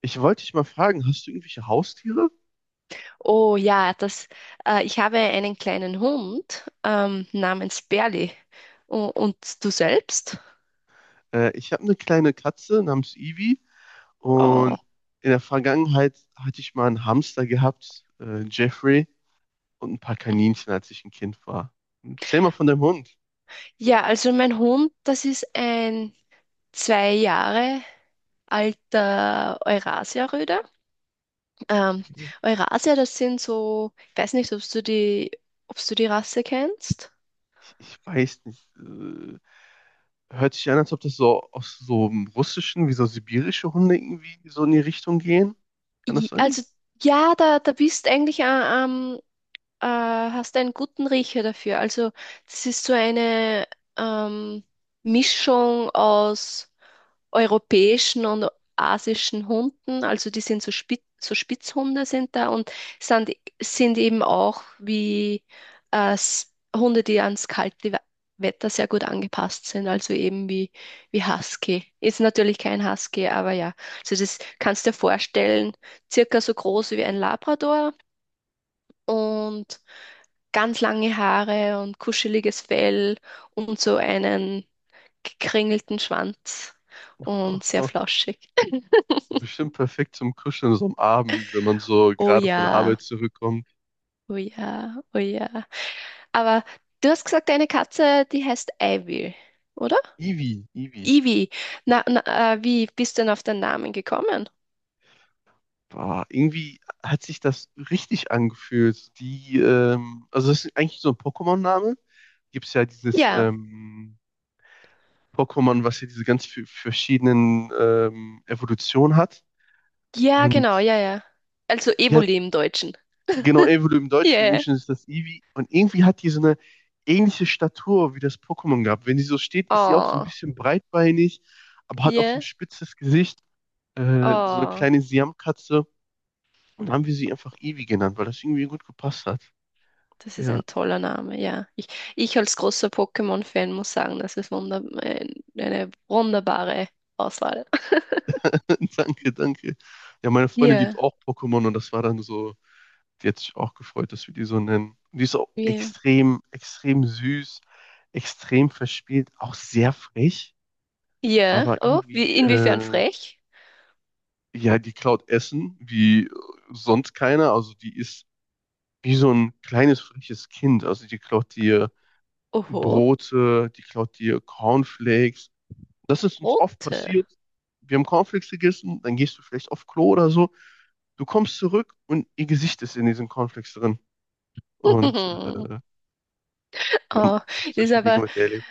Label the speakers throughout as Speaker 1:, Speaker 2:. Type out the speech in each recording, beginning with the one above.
Speaker 1: Ich wollte dich mal fragen, hast du irgendwelche Haustiere?
Speaker 2: Oh ja, ich habe einen kleinen Hund namens Berli. Und du selbst?
Speaker 1: Ich habe eine kleine Katze namens Ivy
Speaker 2: Oh.
Speaker 1: und in der Vergangenheit hatte ich mal einen Hamster gehabt, Jeffrey, und ein paar Kaninchen, als ich ein Kind war. Erzähl mal von deinem Hund.
Speaker 2: Ja, also mein Hund, das ist ein 2 Jahre alter Eurasia-Rüde. Ähm, Eurasia, das sind so, ich weiß nicht, ob du die Rasse kennst.
Speaker 1: Ich weiß nicht. Hört sich an, als ob das so aus so einem russischen, wie so sibirische Hunde irgendwie so in die Richtung gehen. Kann das sein?
Speaker 2: Also ja, da bist eigentlich hast einen guten Riecher dafür. Also das ist so eine ähm, Mischung aus europäischen und asischen Hunden. Also die sind so, so Spitzhunde sind da und sind, sind eben auch wie Hunde, die ans kalte Wetter sehr gut angepasst sind. Also eben wie Husky. Ist natürlich kein Husky, aber ja. Also das kannst du dir vorstellen, circa so groß wie ein Labrador. Und ganz lange Haare und kuscheliges Fell und so einen gekringelten Schwanz und sehr flauschig.
Speaker 1: Bestimmt perfekt zum Kuscheln so am Abend, wenn man so
Speaker 2: Oh
Speaker 1: gerade von der
Speaker 2: ja,
Speaker 1: Arbeit zurückkommt.
Speaker 2: oh ja, oh ja. Aber du hast gesagt, deine Katze, die heißt Ivy, oder?
Speaker 1: Ivy, Ivy.
Speaker 2: Ivy. Na, na, wie bist du denn auf den Namen gekommen?
Speaker 1: Boah, irgendwie hat sich das richtig angefühlt. Die, also das ist eigentlich so ein Pokémon-Name. Gibt es ja dieses
Speaker 2: Ja,
Speaker 1: Pokémon, was ja diese ganz verschiedenen Evolutionen hat.
Speaker 2: ja, genau,
Speaker 1: Und
Speaker 2: ja, ja. Also
Speaker 1: ja,
Speaker 2: Evoli im Deutschen.
Speaker 1: genau, Evolu im Deutschen, im
Speaker 2: Yeah.
Speaker 1: Englischen ist das Eevee. Und irgendwie hat die so eine ähnliche Statur wie das Pokémon gehabt. Wenn die so steht, ist sie auch so ein
Speaker 2: Oh,
Speaker 1: bisschen breitbeinig, aber hat auch so ein
Speaker 2: yeah.
Speaker 1: spitzes Gesicht, so eine
Speaker 2: Oh.
Speaker 1: kleine Siamkatze. Und haben wir sie einfach Eevee genannt, weil das irgendwie gut gepasst hat.
Speaker 2: Das ist
Speaker 1: Ja.
Speaker 2: ein toller Name, ja. Ich als großer Pokémon-Fan muss sagen, das ist eine wunderbare Auswahl.
Speaker 1: Danke, danke. Ja, meine Freundin liebt
Speaker 2: Ja,
Speaker 1: auch Pokémon und das war dann so, die hat sich auch gefreut, dass wir die so nennen. Und die ist auch
Speaker 2: ja.
Speaker 1: extrem, extrem süß, extrem verspielt, auch sehr frech,
Speaker 2: Ja,
Speaker 1: aber
Speaker 2: oh,
Speaker 1: irgendwie,
Speaker 2: inwiefern frech?
Speaker 1: ja, die klaut Essen wie sonst keiner. Also die ist wie so ein kleines, freches Kind. Also die klaut dir
Speaker 2: Oho,
Speaker 1: Brote, die klaut dir Cornflakes. Das ist uns oft
Speaker 2: rote.
Speaker 1: passiert. Wir haben Cornflakes gegessen, dann gehst du vielleicht auf Klo oder so. Du kommst zurück und ihr Gesicht ist in diesen Cornflakes drin. Und wir haben
Speaker 2: Oh,
Speaker 1: oft
Speaker 2: das ist
Speaker 1: solche Dinge
Speaker 2: aber.
Speaker 1: mit erlebt.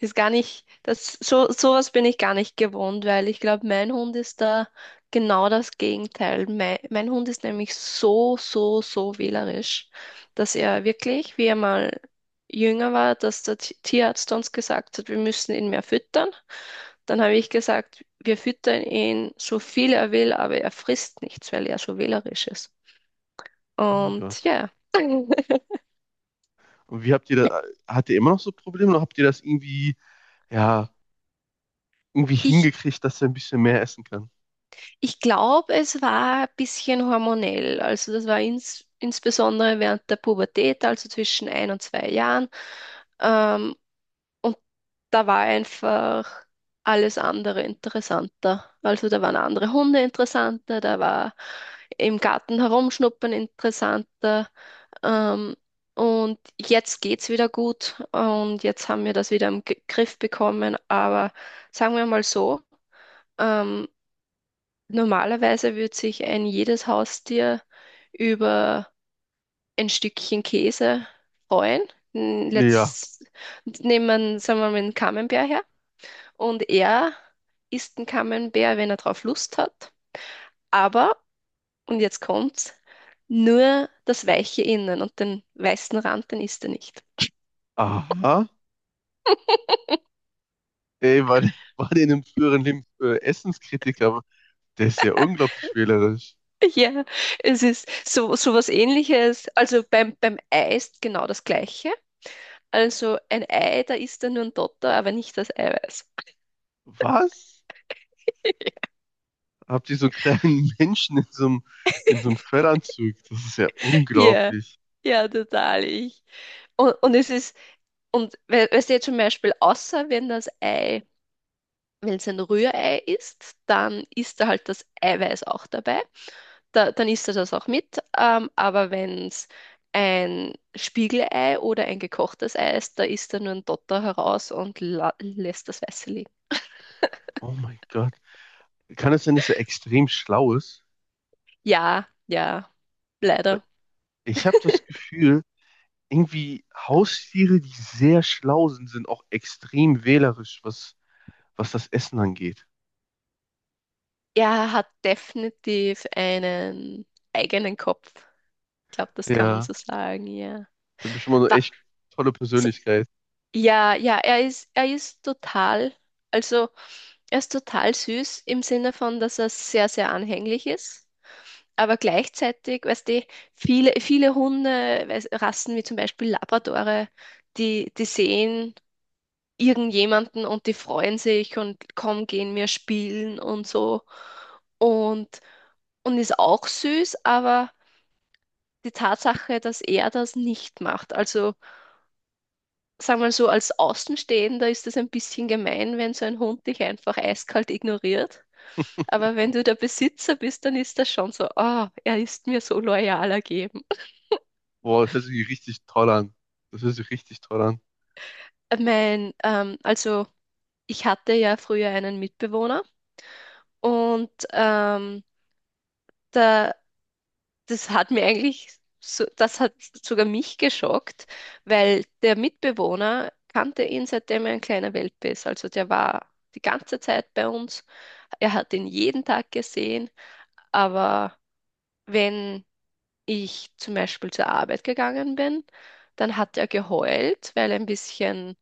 Speaker 2: Ist gar nicht, sowas bin ich gar nicht gewohnt, weil ich glaube, mein Hund ist da genau das Gegenteil. Mein Hund ist nämlich so wählerisch, dass er wirklich, wie er mal jünger war, dass der Tierarzt uns gesagt hat, wir müssen ihn mehr füttern. Dann habe ich gesagt, wir füttern ihn so viel er will, aber er frisst nichts, weil er so wählerisch ist.
Speaker 1: Oh mein
Speaker 2: Und
Speaker 1: Gott.
Speaker 2: ja,
Speaker 1: Und wie habt ihr da, habt ihr immer noch so Probleme oder habt ihr das irgendwie, ja, irgendwie
Speaker 2: ich,
Speaker 1: hingekriegt, dass er ein bisschen mehr essen kann?
Speaker 2: Ich glaube, es war ein bisschen hormonell. Also das war insbesondere während der Pubertät, also zwischen 1 und 2 Jahren. Ähm, und da war einfach alles andere interessanter. Also da waren andere Hunde interessanter, da war im Garten herumschnuppern interessanter. Ähm, und jetzt geht's wieder gut und jetzt haben wir das wieder im G Griff bekommen. Aber sagen wir mal so, ähm, Normalerweise würde sich ein jedes Haustier über ein Stückchen Käse freuen.
Speaker 1: Nee, ja.
Speaker 2: Let's nehmen, sagen wir mal, einen Camembert her. Und er isst einen Camembert, wenn er drauf Lust hat. Aber, und jetzt kommt's, nur das weiche Innen und den weißen Rand, den isst er nicht.
Speaker 1: Aha. Ey, war, war der in einem früheren Leben Essenskritiker? Der ist ja unglaublich wählerisch.
Speaker 2: Ja, es ist so was Ähnliches. Also beim Ei ist genau das Gleiche. Also ein Ei, da isst er nur ein Dotter, aber nicht das Eiweiß.
Speaker 1: Was? Habt ihr so einen kleinen Menschen in so einem Fellanzug. Das ist ja
Speaker 2: Ja,
Speaker 1: unglaublich.
Speaker 2: ja, total. Ich. Und es ist, und we- weißt du jetzt zum Beispiel, außer wenn das Ei, wenn es ein Rührei ist, dann ist da halt das Eiweiß auch dabei. Dann isst er das auch mit. Aber wenn es ein Spiegelei oder ein gekochtes Ei ist, da isst er nur ein Dotter heraus und la lässt das Weiße liegen.
Speaker 1: Oh mein Gott. Kann es sein, dass er extrem schlau ist?
Speaker 2: Ja, ja,
Speaker 1: Weil
Speaker 2: leider.
Speaker 1: ich habe das Gefühl, irgendwie Haustiere, die sehr schlau sind, sind auch extrem wählerisch, was, was das Essen angeht.
Speaker 2: Er hat definitiv einen eigenen Kopf. Ich glaube, das kann man
Speaker 1: Ja,
Speaker 2: so sagen, ja.
Speaker 1: das ist bestimmt mal eine
Speaker 2: Wa-
Speaker 1: echt tolle Persönlichkeit.
Speaker 2: Ja, ja, er ist total, also er ist total süß im Sinne von, dass er sehr, sehr anhänglich ist. Aber gleichzeitig, weißt du, viele Hunde, Rassen wie zum Beispiel Labradore, die sehen irgendjemanden und die freuen sich und komm, gehen wir spielen und so. Und, und ist auch süß, aber die Tatsache, dass er das nicht macht, also sagen wir so, als Außenstehender ist es ein bisschen gemein, wenn so ein Hund dich einfach eiskalt ignoriert. Aber wenn du der Besitzer bist, dann ist das schon so, ah, er ist mir so loyal ergeben.
Speaker 1: Boah, das hört sich richtig toll an. Das hört sich richtig toll an.
Speaker 2: Also ich hatte ja früher einen Mitbewohner und da, das hat mir eigentlich, so, das hat sogar mich geschockt, weil der Mitbewohner kannte ihn, seitdem er ein kleiner Welpe ist. Also der war die ganze Zeit bei uns. Er hat ihn jeden Tag gesehen. Aber wenn ich zum Beispiel zur Arbeit gegangen bin, dann hat er geheult,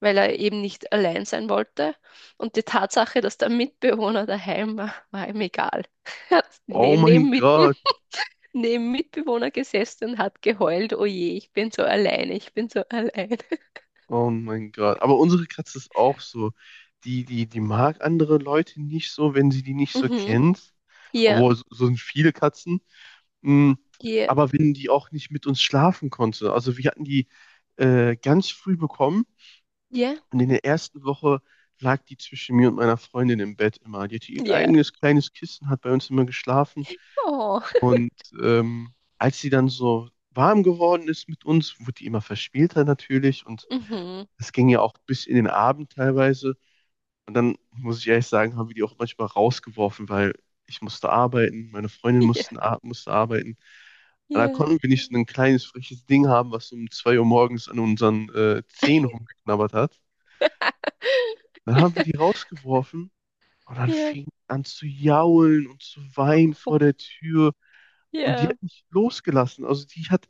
Speaker 2: weil er eben nicht allein sein wollte. Und die Tatsache, dass der Mitbewohner daheim war, war ihm egal. Er hat
Speaker 1: Oh mein Gott.
Speaker 2: neben Mitbewohner gesessen und hat geheult, oh je, ich bin so alleine, ich bin so allein.
Speaker 1: Oh mein Gott. Aber unsere Katze ist auch so. Die mag andere Leute nicht so, wenn sie die nicht so
Speaker 2: Mhm.
Speaker 1: kennt.
Speaker 2: Ja,
Speaker 1: Obwohl, so so sind viele Katzen. Mm,
Speaker 2: ja,
Speaker 1: aber wenn die auch nicht mit uns schlafen konnte. Also wir hatten die ganz früh bekommen
Speaker 2: ja,
Speaker 1: und in der ersten Woche lag die zwischen mir und meiner Freundin im Bett immer. Die hatte ihr
Speaker 2: ja.
Speaker 1: eigenes kleines Kissen, hat bei uns immer geschlafen.
Speaker 2: Oh.
Speaker 1: Und als sie dann so warm geworden ist mit uns, wurde die immer verspielter natürlich und
Speaker 2: Mhm.
Speaker 1: das ging ja auch bis in den Abend teilweise. Und dann muss ich ehrlich sagen, haben wir die auch manchmal rausgeworfen, weil ich musste arbeiten, meine Freundin
Speaker 2: Ja,
Speaker 1: mussten, musste arbeiten. Und da
Speaker 2: ja.
Speaker 1: konnten wir nicht so ein kleines, freches Ding haben, was um 2 Uhr morgens an unseren Zehen rumgeknabbert hat. Dann haben wir die rausgeworfen und dann
Speaker 2: Ja.
Speaker 1: fing die an zu jaulen und zu weinen
Speaker 2: Oh.
Speaker 1: vor der Tür. Und die
Speaker 2: Ja,
Speaker 1: hat nicht losgelassen. Also die hat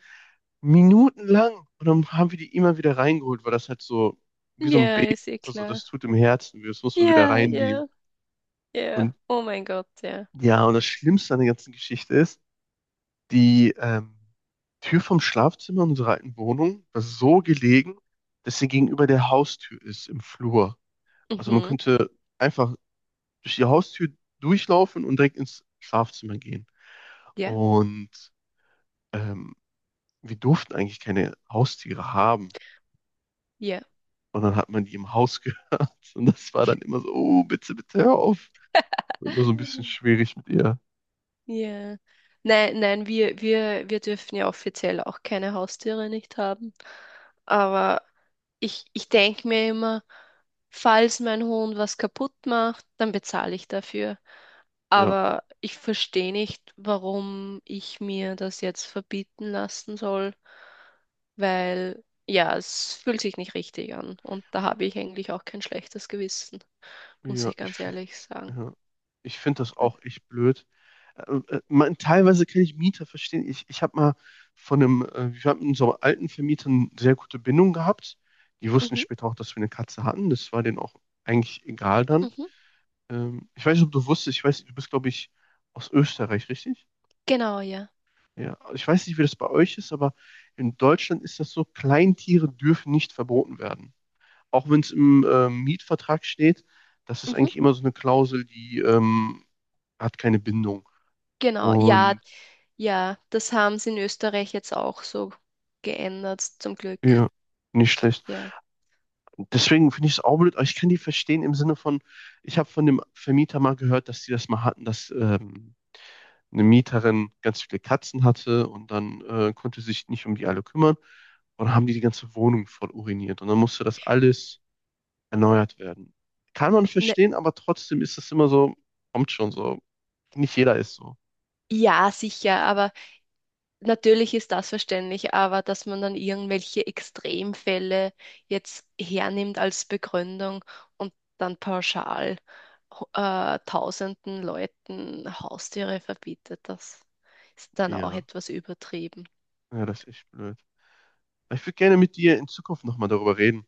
Speaker 1: minutenlang und dann haben wir die immer wieder reingeholt, weil das halt so wie so ein
Speaker 2: ja,
Speaker 1: Baby,
Speaker 2: ist eh
Speaker 1: also
Speaker 2: klar.
Speaker 1: das tut im Herzen, weh, das muss man wieder
Speaker 2: Ja,
Speaker 1: reinnehmen.
Speaker 2: ja, ja.
Speaker 1: Und
Speaker 2: Oh mein Gott, ja.
Speaker 1: ja, und das Schlimmste an der ganzen Geschichte ist, die Tür vom Schlafzimmer unserer alten Wohnung war so gelegen, dass sie gegenüber der Haustür ist im Flur. Also man
Speaker 2: Mhm.
Speaker 1: könnte einfach durch die Haustür durchlaufen und direkt ins Schlafzimmer gehen.
Speaker 2: Ja,
Speaker 1: Und ähm, wir durften eigentlich keine Haustiere haben.
Speaker 2: ja.
Speaker 1: Und dann hat man die im Haus gehört. Und das war dann immer so, oh, bitte, bitte hör auf. Wird immer so ein bisschen schwierig mit ihr.
Speaker 2: Ja. Nein, nein, wir dürfen ja offiziell auch keine Haustiere nicht haben. Aber ich denke mir immer, falls mein Hund was kaputt macht, dann bezahle ich dafür.
Speaker 1: Ja,
Speaker 2: Aber ich verstehe nicht, warum ich mir das jetzt verbieten lassen soll, weil ja, es fühlt sich nicht richtig an. Und da habe ich eigentlich auch kein schlechtes Gewissen, muss
Speaker 1: ja,
Speaker 2: ich ganz ehrlich sagen.
Speaker 1: ja. Ich finde das auch echt blöd. Man, teilweise kann ich Mieter verstehen. Ich habe mal von einem, wir haben mit unserem alten Vermieter eine sehr gute Bindung gehabt. Die wussten
Speaker 2: Mhm,
Speaker 1: später auch, dass wir eine Katze hatten. Das war denen auch eigentlich egal dann.
Speaker 2: mhm,
Speaker 1: Ich weiß nicht, ob du wusstest, ich weiß, du bist, glaube ich, aus Österreich, richtig?
Speaker 2: genau, ja.
Speaker 1: Ja, also ich weiß nicht, wie das bei euch ist, aber in Deutschland ist das so, Kleintiere dürfen nicht verboten werden. Auch wenn es im Mietvertrag steht, das ist
Speaker 2: Mhm,
Speaker 1: eigentlich immer so eine Klausel, die hat keine Bindung.
Speaker 2: genau, ja,
Speaker 1: Und
Speaker 2: ja, das haben sie in Österreich jetzt auch so geändert, zum Glück.
Speaker 1: ja, nicht schlecht.
Speaker 2: Ja,
Speaker 1: Deswegen finde ich es auch blöd, aber ich kann die verstehen im Sinne von, ich habe von dem Vermieter mal gehört, dass die das mal hatten, dass eine Mieterin ganz viele Katzen hatte und dann konnte sich nicht um die alle kümmern. Und dann haben die die ganze Wohnung voll uriniert. Und dann musste das alles erneuert werden. Kann man
Speaker 2: ne,
Speaker 1: verstehen, aber trotzdem ist es immer so, kommt schon so. Nicht jeder ist so.
Speaker 2: ja, sicher, aber natürlich ist das verständlich, aber dass man dann irgendwelche Extremfälle jetzt hernimmt als Begründung und dann pauschal tausenden Leuten Haustiere verbietet, das ist dann auch
Speaker 1: Ja,
Speaker 2: etwas übertrieben.
Speaker 1: ja, das ist echt blöd. Ich würde gerne mit dir in Zukunft nochmal darüber reden.